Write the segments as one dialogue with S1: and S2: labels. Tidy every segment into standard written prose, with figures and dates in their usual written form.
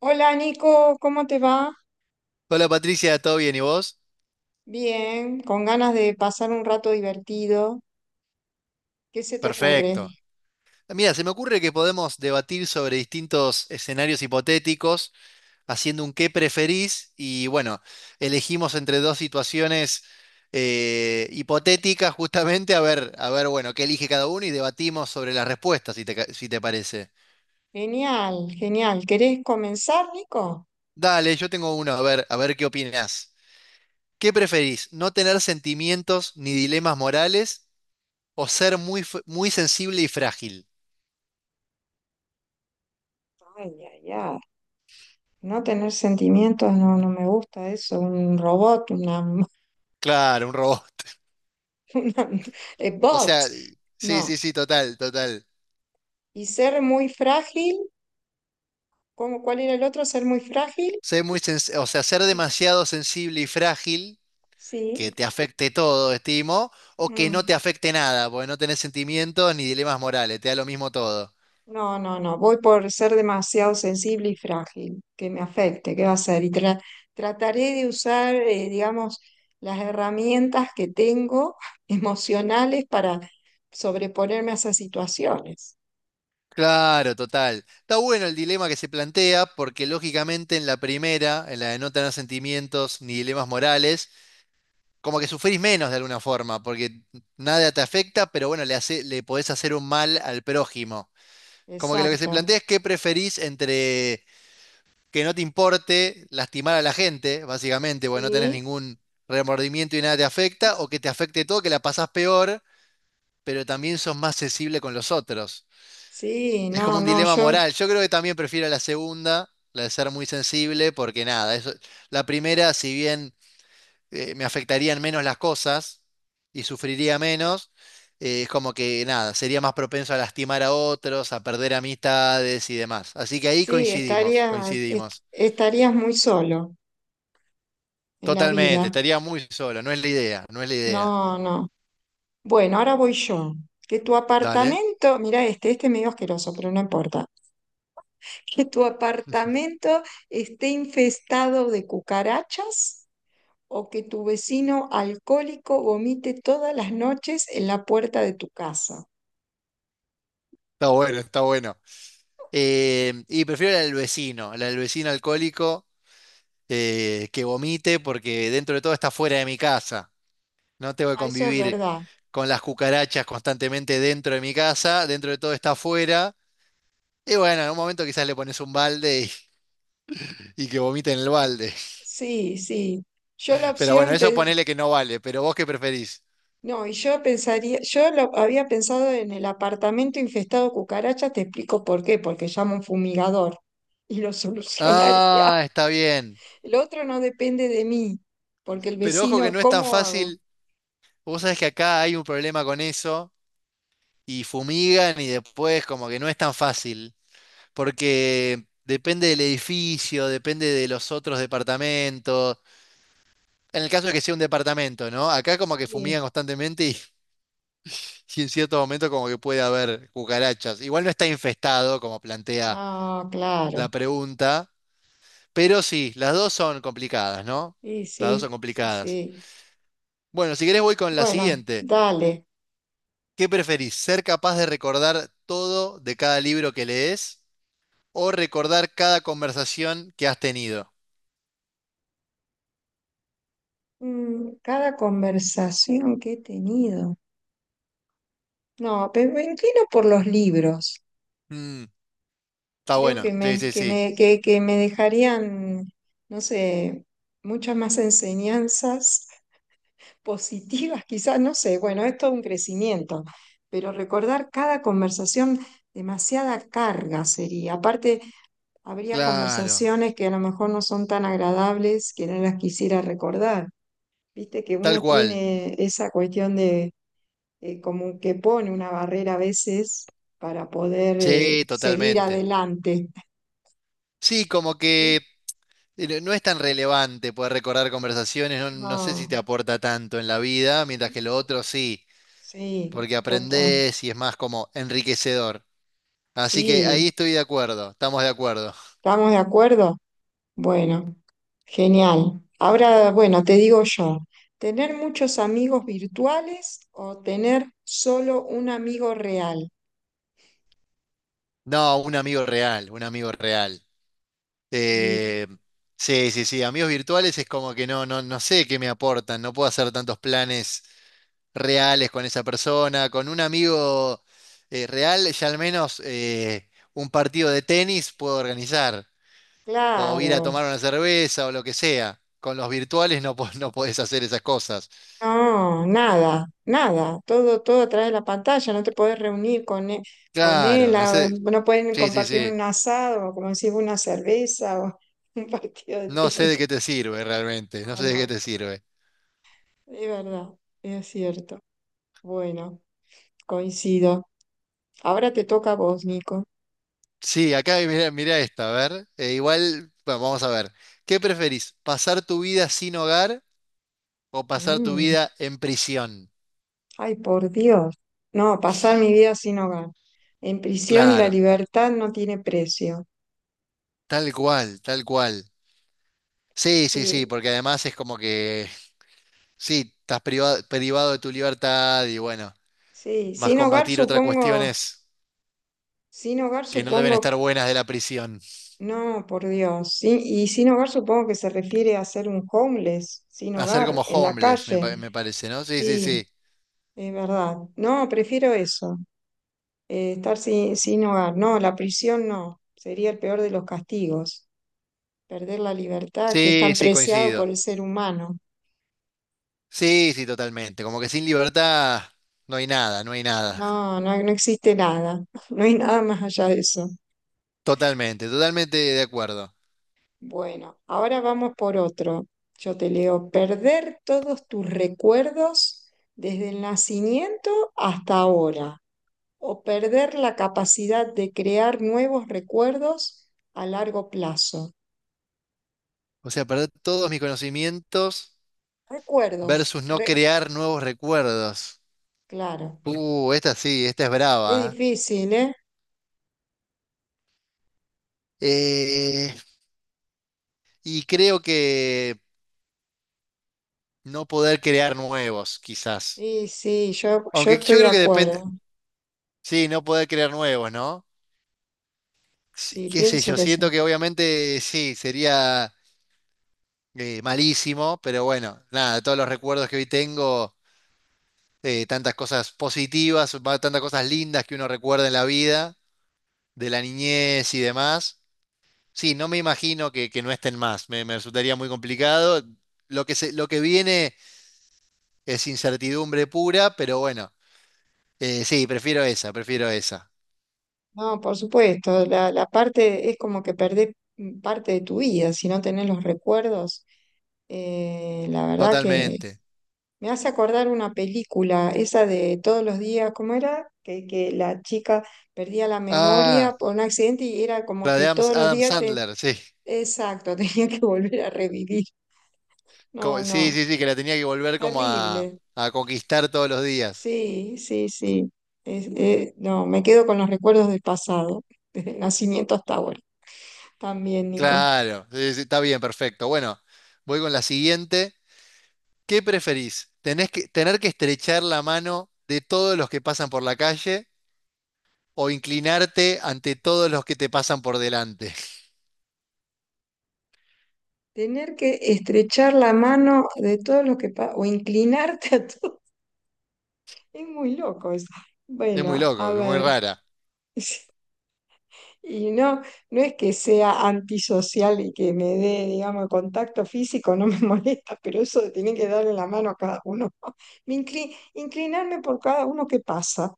S1: Hola Nico, ¿cómo te va?
S2: Hola Patricia, ¿todo bien? ¿Y vos?
S1: Bien, con ganas de pasar un rato divertido. ¿Qué se te ocurre?
S2: Perfecto. Mira, se me ocurre que podemos debatir sobre distintos escenarios hipotéticos, haciendo un qué preferís y bueno, elegimos entre dos situaciones hipotéticas justamente a ver, bueno, qué elige cada uno y debatimos sobre las respuestas, si te parece.
S1: Genial, genial. ¿Querés comenzar, Nico?
S2: Dale, yo tengo uno, a ver qué opinás. ¿Qué preferís? ¿No tener sentimientos ni dilemas morales o ser muy sensible y frágil?
S1: Ay, ay, ay. No tener sentimientos no, no me gusta eso. Un robot, una,
S2: Claro, un robot.
S1: una
S2: O
S1: bot.
S2: sea, sí, sí,
S1: No.
S2: sí, total, total.
S1: Y ser muy frágil, ¿cómo, cuál era el otro? Ser muy frágil.
S2: Ser muy sens- o sea, Ser demasiado sensible y frágil, que
S1: Sí.
S2: te afecte todo, estimo, o que no te afecte nada, porque no tenés sentimientos ni dilemas morales, te da lo mismo todo.
S1: No, no, no, voy por ser demasiado sensible y frágil, que me afecte, ¿qué va a ser? Y trataré de usar, digamos, las herramientas que tengo emocionales para sobreponerme a esas situaciones.
S2: Claro, total. Está bueno el dilema que se plantea, porque lógicamente en la primera, en la de no tener sentimientos ni dilemas morales, como que sufrís menos de alguna forma, porque nada te afecta, pero bueno, le podés hacer un mal al prójimo. Como que lo que se
S1: Exacto.
S2: plantea es qué preferís entre que no te importe lastimar a la gente, básicamente, porque no tenés
S1: Sí,
S2: ningún remordimiento y nada te afecta, o que te afecte todo, que la pasás peor, pero también sos más sensible con los otros.
S1: sí,
S2: Es como
S1: no,
S2: un
S1: no,
S2: dilema
S1: yo
S2: moral. Yo creo que también prefiero la segunda, la de ser muy sensible, porque nada, eso, la primera, si bien me afectarían menos las cosas y sufriría menos, es como que nada, sería más propenso a lastimar a otros, a perder amistades y demás. Así que ahí
S1: sí,
S2: coincidimos,
S1: estaría,
S2: coincidimos.
S1: estarías muy solo en la
S2: Totalmente,
S1: vida.
S2: estaría muy solo, no es la idea, no es la idea.
S1: No, no. Bueno, ahora voy yo. Que tu
S2: Dale,
S1: apartamento, mira este, este es medio asqueroso, pero no importa. Que tu apartamento esté infestado de cucarachas o que tu vecino alcohólico vomite todas las noches en la puerta de tu casa.
S2: está bueno, está bueno. Y prefiero la del vecino alcohólico que vomite porque dentro de todo está fuera de mi casa. No tengo que
S1: Ah, eso es
S2: convivir
S1: verdad.
S2: con las cucarachas constantemente dentro de mi casa, dentro de todo está fuera. Y bueno, en un momento quizás le pones un balde y que vomite en el balde.
S1: Sí, sí. Yo la
S2: Pero bueno,
S1: opción,
S2: eso
S1: pe-
S2: ponele que no vale, pero vos qué preferís.
S1: no, y yo pensaría, yo lo había pensado en el apartamento infestado de cucarachas, te explico por qué, porque llamo a un fumigador y lo solucionaría.
S2: Ah, está bien.
S1: El otro no depende de mí, porque el
S2: Pero ojo que
S1: vecino,
S2: no es tan
S1: ¿cómo hago?
S2: fácil. Vos sabés que acá hay un problema con eso y fumigan y después como que no es tan fácil, porque depende del edificio, depende de los otros departamentos. En el caso de que sea un departamento, ¿no? Acá como que
S1: Sí,
S2: fumigan constantemente y en cierto momento como que puede haber cucarachas. Igual no está infestado, como plantea
S1: no, claro.
S2: la pregunta, pero sí, las dos son complicadas, ¿no?
S1: Sí,
S2: Las dos son
S1: sí, sí,
S2: complicadas.
S1: sí.
S2: Bueno, si querés voy con la
S1: Bueno,
S2: siguiente.
S1: dale.
S2: ¿Qué preferís? ¿Ser capaz de recordar todo de cada libro que lees o recordar cada conversación que has tenido?
S1: Mm, cada conversación que he tenido. No, pero me inclino por los libros.
S2: Mm, está
S1: Creo
S2: bueno,
S1: que
S2: sí,
S1: me,
S2: sí,
S1: que
S2: sí.
S1: me, que me dejarían, no sé, muchas más enseñanzas positivas, quizás, no sé. Bueno, es todo un crecimiento, pero recordar cada conversación, demasiada carga sería. Aparte, habría
S2: Claro,
S1: conversaciones que a lo mejor no son tan agradables que no las quisiera recordar. Viste que
S2: tal
S1: uno
S2: cual.
S1: tiene esa cuestión de como que pone una barrera a veces para poder
S2: Sí,
S1: seguir
S2: totalmente.
S1: adelante.
S2: Sí, como
S1: ¿Eh?
S2: que no es tan relevante poder recordar conversaciones, no, no sé si te
S1: No,
S2: aporta tanto en la vida, mientras que lo otro sí,
S1: sí,
S2: porque
S1: total.
S2: aprendés y es más como enriquecedor. Así que ahí
S1: Sí,
S2: estoy de acuerdo, estamos de acuerdo.
S1: ¿estamos de acuerdo? Bueno, genial. Ahora, bueno, te digo yo, ¿tener muchos amigos virtuales o tener solo un amigo real?
S2: No, un amigo real, un amigo real.
S1: Sí,
S2: Eh, sí, sí, sí, amigos virtuales es como que no, no, no sé qué me aportan, no puedo hacer tantos planes reales con esa persona, con un amigo real ya al menos un partido de tenis puedo organizar, o ir a
S1: claro.
S2: tomar una cerveza o lo que sea. Con los virtuales no, no podés hacer esas cosas.
S1: No, nada, nada. Todo, todo a través de la pantalla. No te podés reunir con
S2: Claro,
S1: él,
S2: no sé,
S1: no pueden
S2: sí, sí,
S1: compartir
S2: sí,
S1: un asado, o como decís, una cerveza o un partido de
S2: no sé
S1: tenis.
S2: de qué te sirve realmente, no
S1: No,
S2: sé de qué
S1: no,
S2: te sirve.
S1: es verdad, es cierto. Bueno, coincido. Ahora te toca a vos, Nico.
S2: Sí, acá mira, mira esta, a ver. Igual, bueno, vamos a ver. ¿Qué preferís? ¿Pasar tu vida sin hogar o pasar tu
S1: Mm,
S2: vida en prisión?
S1: ay, por Dios. No, pasar mi vida sin hogar. En prisión la
S2: Claro,
S1: libertad no tiene precio.
S2: tal cual, tal cual. Sí, sí, sí,
S1: Sí,
S2: porque además es como que, sí, estás privado, privado de tu libertad y bueno,
S1: sí.
S2: más
S1: Sin hogar
S2: combatir otras
S1: supongo.
S2: cuestiones
S1: Sin hogar
S2: que no deben
S1: supongo.
S2: estar buenas de la prisión.
S1: No, por Dios. Sí, y sin hogar supongo que se refiere a ser un homeless, sin
S2: Hacer
S1: hogar,
S2: como
S1: en la
S2: homeless,
S1: calle.
S2: me parece, ¿no? Sí, sí, sí.
S1: Sí, es verdad. No, prefiero eso, estar sin, sin hogar. No, la prisión no, sería el peor de los castigos, perder la libertad que es
S2: Sí,
S1: tan
S2: sí,
S1: preciado por
S2: coincido.
S1: el ser humano.
S2: Sí, sí, totalmente. Como que sin libertad no hay nada, no hay nada.
S1: No, no, no existe nada, no hay nada más allá de eso.
S2: Totalmente, totalmente de acuerdo.
S1: Bueno, ahora vamos por otro. Yo te leo, perder todos tus recuerdos desde el nacimiento hasta ahora, o perder la capacidad de crear nuevos recuerdos a largo plazo.
S2: O sea, perder todos mis conocimientos
S1: Recuerdos,
S2: versus no
S1: re-
S2: crear nuevos recuerdos.
S1: claro.
S2: Esta sí, esta es
S1: Es
S2: brava.
S1: difícil, ¿eh?
S2: ¿Eh? Y creo que no poder crear nuevos, quizás.
S1: Y sí, yo
S2: Aunque
S1: estoy
S2: yo
S1: de
S2: creo que depende.
S1: acuerdo.
S2: Sí, no poder crear nuevos, ¿no? Sí,
S1: Sí,
S2: qué sé
S1: pienso
S2: yo,
S1: que
S2: siento
S1: sí.
S2: que obviamente sí, sería malísimo, pero bueno, nada, todos los recuerdos que hoy tengo, tantas cosas positivas, tantas cosas lindas que uno recuerda en la vida. De la niñez y demás. Sí, no me imagino que no estén más, me resultaría muy complicado. Lo que viene es incertidumbre pura, pero bueno, sí, prefiero esa,
S1: No, por supuesto, la parte es como que perdés mm, parte de tu vida si no tenés los recuerdos. La verdad que
S2: totalmente.
S1: me hace acordar una película, esa de todos los días, ¿cómo era? Que la chica perdía la
S2: Ah,
S1: memoria por un accidente y era como
S2: la de
S1: que
S2: Adam,
S1: todos los
S2: Adam
S1: días te...
S2: Sandler, sí.
S1: Exacto, tenía que volver a revivir. No,
S2: Sí,
S1: no,
S2: sí, sí, que la tenía que volver como
S1: terrible.
S2: a conquistar todos los días.
S1: Sí, sí, sí. No, me quedo con los recuerdos del pasado, desde el nacimiento hasta ahora. También, Nico.
S2: Claro, sí, sí, está bien, perfecto. Bueno, voy con la siguiente. ¿Qué preferís? Tener que estrechar la mano de todos los que pasan por la calle o inclinarte ante todos los que te pasan por delante?
S1: Tener que estrechar la mano de todos los que o inclinarte a todos. Es muy loco eso.
S2: Es muy
S1: Bueno,
S2: loco,
S1: a
S2: es muy
S1: ver.
S2: rara.
S1: Y no, no es que sea antisocial y que me dé, digamos, contacto físico, no me molesta, pero eso de tener que darle la mano a cada uno. Inclinarme por cada uno que pasa.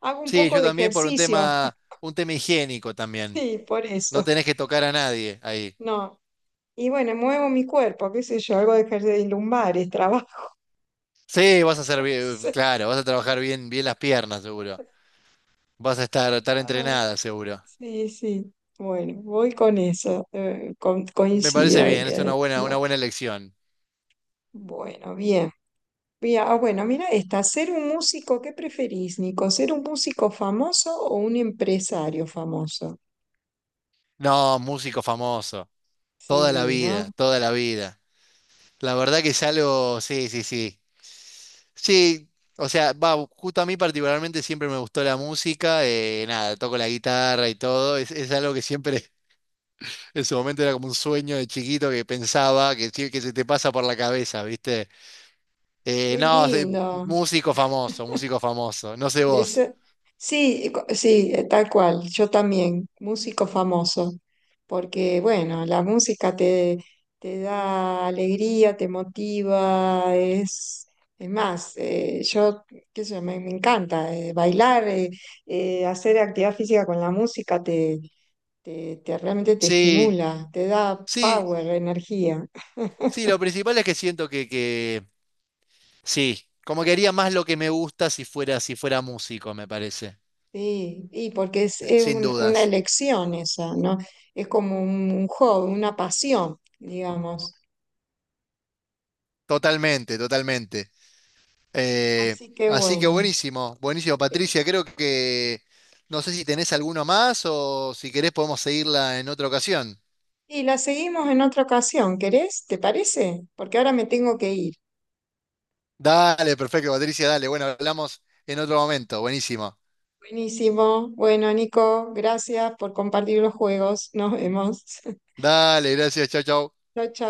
S1: Hago un
S2: Sí,
S1: poco
S2: yo
S1: de
S2: también por
S1: ejercicio,
S2: un tema higiénico también.
S1: sí, por
S2: No
S1: eso.
S2: tenés que tocar a nadie ahí.
S1: No. Y bueno, muevo mi cuerpo, qué sé yo, algo de ejercicio de lumbares, trabajo.
S2: Sí, vas a hacer bien,
S1: Sí,
S2: claro, vas a trabajar bien, bien las piernas, seguro. Vas a estar, estar
S1: ah,
S2: entrenada, seguro.
S1: sí. Sí. Bueno, voy con eso,
S2: Me parece
S1: coincido.
S2: bien, es
S1: Eh,
S2: una
S1: no.
S2: buena elección.
S1: Bueno, bien. Bien, ah, bueno, mira esta. ¿Ser un músico, qué preferís, Nico? ¿Ser un músico famoso o un empresario famoso?
S2: No, músico famoso. Toda la
S1: Sí,
S2: vida,
S1: ¿no?
S2: toda la vida. La verdad que es algo, sí, sí, sí. Sí, o sea, va, justo a mí particularmente siempre me gustó la música, nada, toco la guitarra y todo, es algo que siempre en su momento era como un sueño de chiquito que pensaba, que se te pasa por la cabeza, ¿viste?
S1: Qué
S2: No, se-
S1: lindo.
S2: Músico famoso, músico famoso, no sé
S1: De
S2: vos.
S1: eso- Sí, sí, tal cual. Yo también, músico famoso. Porque, bueno, la música te, te da alegría, te motiva, es... Es más, yo, qué sé yo, me encanta bailar, hacer actividad física con la música te, realmente te
S2: Sí,
S1: estimula, te da
S2: sí,
S1: power, energía.
S2: sí, lo principal es que siento que sí, como que haría más lo que me gusta si fuera, si fuera músico, me parece,
S1: Sí, y porque es
S2: sin
S1: una
S2: dudas,
S1: elección esa, ¿no? Es como un hobby, una pasión, digamos.
S2: totalmente, totalmente. Eh,
S1: Así que
S2: Así que
S1: bueno.
S2: buenísimo, buenísimo,
S1: Eh,
S2: Patricia. Creo que no sé si tenés alguno más o si querés podemos seguirla en otra ocasión.
S1: y la seguimos en otra ocasión, ¿querés? ¿Te parece? Porque ahora me tengo que ir.
S2: Dale, perfecto, Patricia, dale. Bueno, hablamos en otro momento. Buenísimo.
S1: Buenísimo. Bueno, Nico, gracias por compartir los juegos. Nos vemos.
S2: Dale, gracias, chau, chau.
S1: Chao, chao.